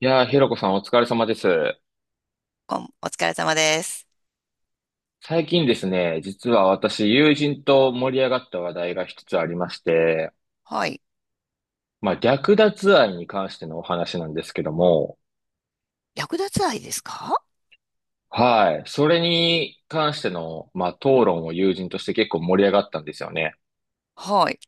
いやー、ひろこさんお疲れ様です。お疲れ様です。最近ですね、実は私、友人と盛り上がった話題が一つありまして、はい。略奪愛に関してのお話なんですけども、略奪愛ですか？はい。それに関しての、討論を友人として結構盛り上がったんですよね。はい。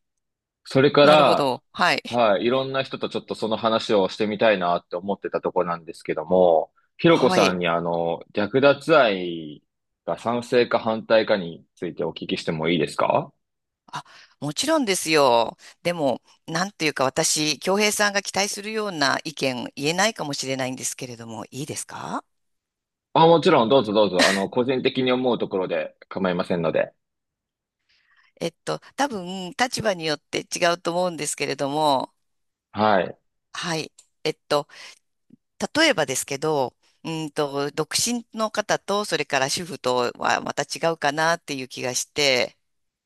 それかなるほら、ど。はい。はい。いろんな人とちょっとその話をしてみたいなって思ってたとこなんですけども、ひろこはさんい。に略奪愛が賛成か反対かについてお聞きしてもいいですか？あ、もちろんですよ。でも、なんというか私、京平さんが期待するような意見言えないかもしれないんですけれども、いいですか？もちろん、どうぞどうぞ、個人的に思うところで構いませんので。多分、立場によって違うと思うんですけれども、はい。はい。えっと、例えばですけど、独身の方と、それから主婦とはまた違うかなっていう気がして、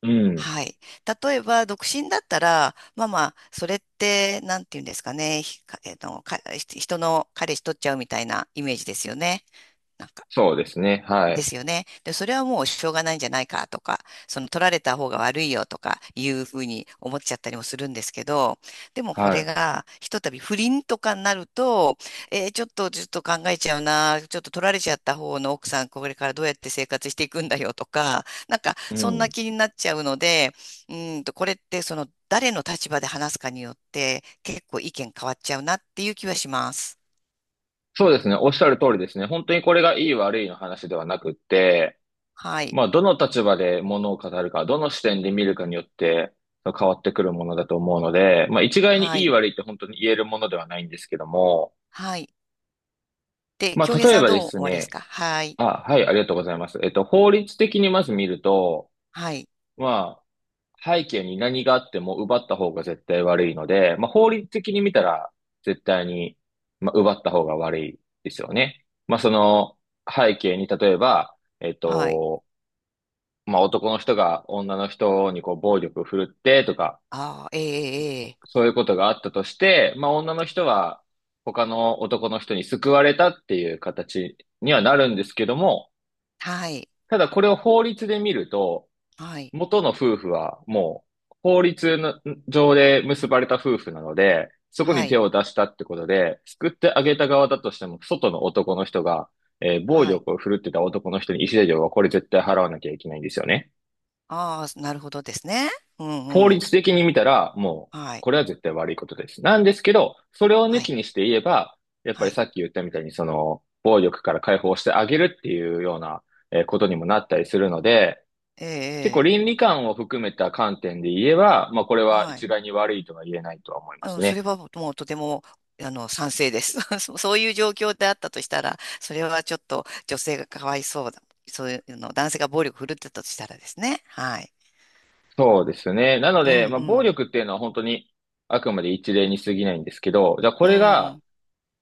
うん。はい。例えば、独身だったら、まあまあ、それって、なんていうんですかね、ひかえっと、か、人の彼氏取っちゃうみたいなイメージですよね。なんかそうですね。はでい。すよね。で、それはもうしょうがないんじゃないかとか、その取られた方が悪いよとかいうふうに思っちゃったりもするんですけど、でもこれはがひとたび不倫とかになると、ちょっとちょっと考えちゃうな、ちょっと取られちゃった方の奥さん、これからどうやって生活していくんだよとか、なんかい。うそんなん。気になっちゃうので、これってその誰の立場で話すかによって結構意見変わっちゃうなっていう気はします。そうですね。おっしゃる通りですね。本当にこれがいい悪いの話ではなくって、はい。どの立場で物を語るか、どの視点で見るかによって、変わってくるものだと思うので、一概にはいいい。悪いって本当に言えるものではないんですけども、はい。で、京平例えさんばどうで思すわれますね、か？はい。はい、ありがとうございます。法律的にまず見ると、はい。まあ、背景に何があっても奪った方が絶対悪いので、法律的に見たら絶対に、奪った方が悪いですよね。その背景に例えば、はい。男の人が女の人にこう暴力を振るってとか、ああ、ええ、ええ。そういうことがあったとして、女の人は他の男の人に救われたっていう形にはなるんですけども、はい。ただこれを法律で見ると、はい。元の夫婦はもう法律の上で結ばれた夫婦なので、そこはに手い。を出したってことで、救ってあげた側だとしても、外の男の人が、暴はい。力を振るってた男の人に慰謝料はこれ絶対払わなきゃいけないんですよね。ああ、なるほどですね。うん法うん。律的に見たら、もう、はい。これは絶対悪いことです。なんですけど、それを抜はきい。にして言えば、やっぱはりい。さっき言ったみたいに、その、暴力から解放してあげるっていうような、ことにもなったりするので、え結構え、倫理観を含めた観点で言えば、まあこれええ。はは一い。概に悪いとは言えないとは思いまうすん、それね。はもうとても、賛成です。そういう状況であったとしたら、それはちょっと女性がかわいそうだ。そういうの、男性が暴力振るってたとしたらですね。はい。そうですね。なのうんうで、まあ暴ん。力っていうのは本当にあくまで一例に過ぎないんですけど、じゃあこうれが、ん。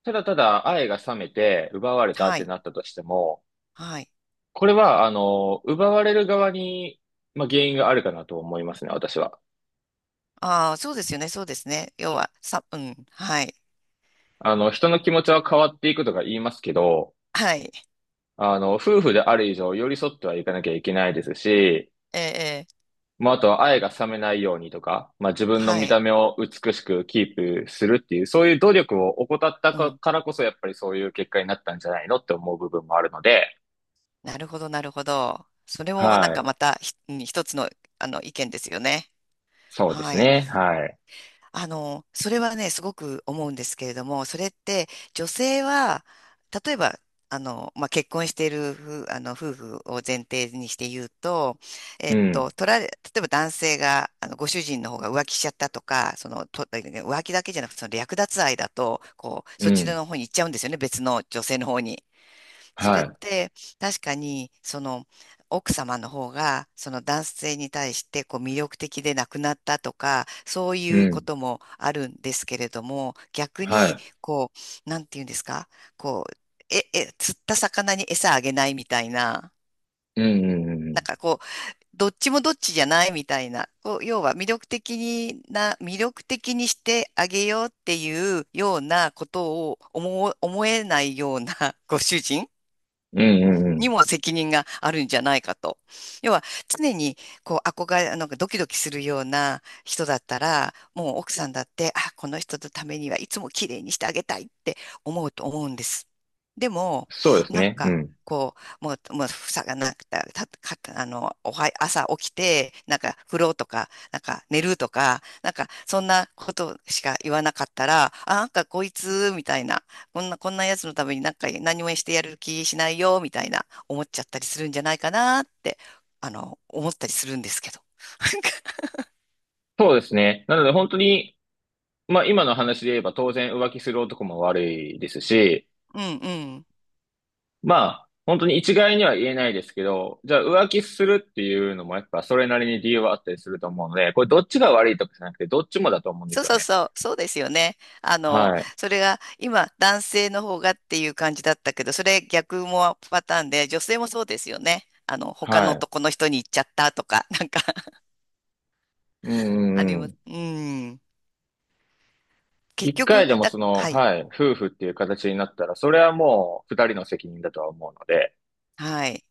ただただ愛が冷めて奪われたっはてい。なったとしても、はい。これは、奪われる側に、まあ原因があるかなと思いますね、私は。ああ、そうですよね、そうですね。要は、さ、うん、はい、人の気持ちは変わっていくとか言いますけど、はい、夫婦である以上寄り添ってはいかなきゃいけないですし、ええ、ええ、あとは愛が冷めないようにとか、自分のは見い、た目を美しくキープするっていう、そういう努力を怠ったうん、からこそ、やっぱりそういう結果になったんじゃないのって思う部分もあるので、なるほど、なるほど。それもなんはかい。またうん、一つの、あの意見ですよね。そうではすい。ね。はい。それはね、すごく思うんですけれども、それって女性は、例えば、まあ、結婚している夫、夫婦を前提にして言うと、うん。取られ、例えば男性が、ご主人の方が浮気しちゃったとか、その、浮気だけじゃなくて、その略奪愛だと、こう、うそっちん。の方に行っちゃうんですよね、別の女性の方に。それはっい。て、確かに、その奥様の方がその男性に対してこう魅力的でなくなったとか、そういううこん。ともあるんですけれども、逆はにい。こう、なんていうんですか、こう、釣った魚に餌あげないみたいな。うん。うなんん。かこう、どっちもどっちじゃないみたいな、こう、要は、魅力的にしてあげようっていうようなことを思えないようなご主人うん。うん。うんうにんも責任があるんじゃないかと。要は、常にこう憧れ、なんかドキドキするような人だったら、もう奥さんだって、あ、この人のためにはいつも綺麗にしてあげたいって思うと思うんです。でも、そうですなんね。うか、ん。こう、もう、房がなくて、朝起きて、なんか、風呂とか、なんか、寝るとか、なんか、そんなことしか言わなかったら、あ、なんか、こいつ、みたいな、こんなやつのためになんか、何もしてやる気しないよ、みたいな。思っちゃったりするんじゃないかなって、思ったりするんですけど。そうですね。なので本当に、まあ今の話で言えば当然浮気する男も悪いですし、うんうん。ま本当に一概には言えないですけど、じゃあ浮気するっていうのもやっぱそれなりに理由はあったりすると思うので、これどっちが悪いとかじゃなくて、どっちもだと思うんでそうすよそうね。そう、そうですよね。はい。それが今男性の方がっていう感じだったけど、それ逆もパターンで、女性もそうですよね。他はのい。男の人に行っちゃったとか、なんか うあんりうんうます。ん。うん。結一回局、でもその、はい、はい、夫婦っていう形になったら、それはもう二人の責任だとは思うので、はい。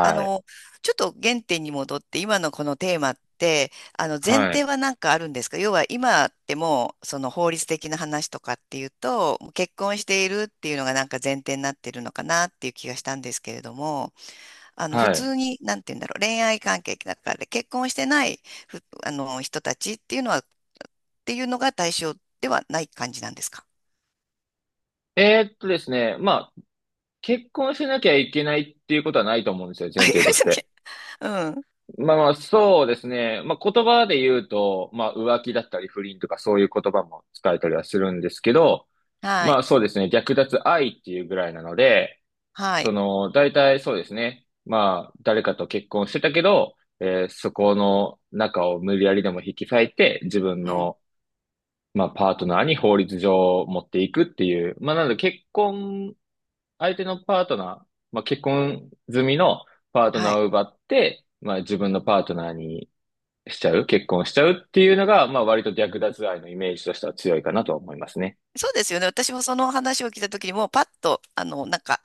あい。の、ちょっと原点に戻って、今のこのテーマって、前はい。提は何かあるんですか？要は今ってもう、その法律的な話とかっていうと、もう結婚しているっていうのがなんか前提になってるのかなっていう気がしたんですけれども、普はい。通に、なんて言うんだろう、恋愛関係だから、結婚してない、人たちっていうのは、っていうのが対象ではない感じなんですか？ ですね、結婚しなきゃいけないっていうことはないと思うんですよ、あ、前いら提っとししゃて。うん。まあまあ、そうですね。言葉で言うと、浮気だったり不倫とかそういう言葉も使えたりはするんですけど、はまい。あそうですね。略奪愛っていうぐらいなので、はそい。の、大体そうですね。誰かと結婚してたけど、そこの中を無理やりでも引き裂いて、自分うん。の、パートナーに法律上持っていくっていう。まあ、なので結婚、相手のパートナー、結婚済みのパートはナーい。を奪って、自分のパートナーにしちゃう、結婚しちゃうっていうのが、まあ割と略奪愛のイメージとしては強いかなとは思いますね。そうですよね。私もその話を聞いた時にもうパッと、なんか、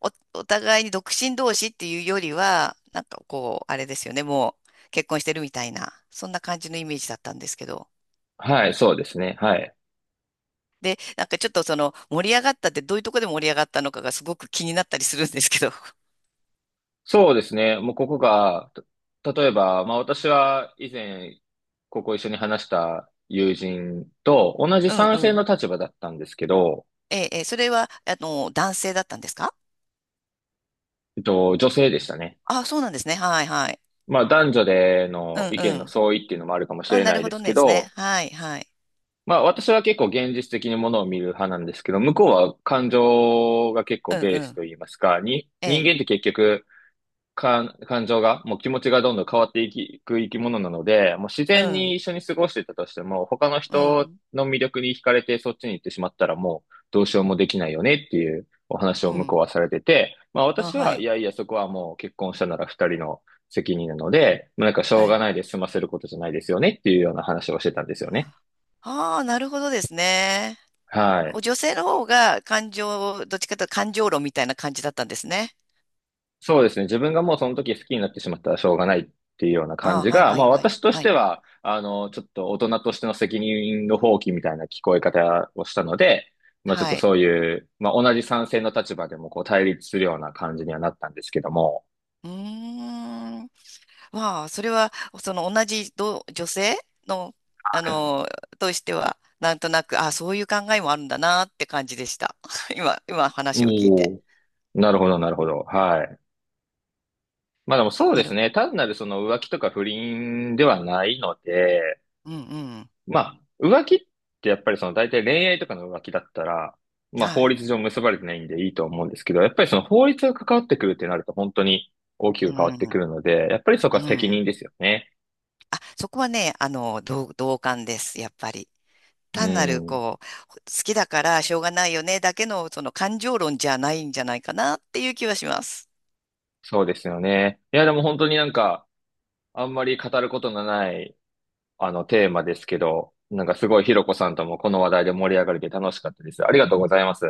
お、お互いに独身同士っていうよりは、なんかこう、あれですよね。もう結婚してるみたいな、そんな感じのイメージだったんですけど。はい、そうですね。はい。で、なんかちょっとその盛り上がったってどういうとこで盛り上がったのかがすごく気になったりするんですけど。そうですね。もうここが、た例えば、まあ私は以前、ここ一緒に話した友人と同じうんう賛成ん。の立場だったんですけど、ええ、ええ、それは、男性だったんですか？女性でしたね。あ、そうなんですね。はいはい。まあ男女でうのん意う見のん。相違っていうのもあるかもしあ、れななるいほでどすねけですね。ど、はいはい。まあ私は結構現実的にものを見る派なんですけど、向こうは感情が結構うんベーうスん。といいますか、に、え人え。間って結局、感情が、もう気持ちがどんどん変わっていく生き物なので、もう自う然にん。一緒に過ごしてたとしても、他のう人ん。の魅力に惹かれてそっちに行ってしまったらもうどうしようもできないよねっていうお話うを向こん。うはされてて、まああ、私ははいい。やいやそこはもう結婚したなら二人の責任なので、まあなんかしょはうがい、ないで済ませることじゃないですよねっていうような話をしてたんですよね。ああ、なるほどですね。はい。女性の方が感情、どっちかというと感情論みたいな感じだったんですね。そうですね。自分がもうその時好きになってしまったらしょうがないっていうような感ああ、じはいが、はまあいはい。私としはてい。は、ちょっと大人としての責任の放棄みたいな聞こえ方をしたので、まあちょっはとい。そういう、まあ同じ賛成の立場でもこう対立するような感じにはなったんですけども。うーん。まあ、それは、その同じ女性の、あの、としては、なんとなく、ああ、そういう考えもあるんだなって感じでした。今話を聞いて。おお。なるほど、なるほど。はい。まあでもそうなでする。ね。単なるその浮気とか不倫ではないので、うんうん。浮気ってやっぱりその大体恋愛とかの浮気だったら、まあは法い。律上結ばれてないんでいいと思うんですけど、やっぱりその法律が関わってくるってなると本当に大きうく変わってくん。るので、やっぱりそこうは責ん。任ですよね。あ、そこはね、同感です。やっぱり。う単なるん、こう、好きだからしょうがないよねだけのその感情論じゃないんじゃないかなっていう気はします。そうですよね。いや、でも本当になんか、あんまり語ることのない、テーマですけど、なんかすごいひろこさんともこの話題で盛り上がれて楽しかったです。ありがとうございます。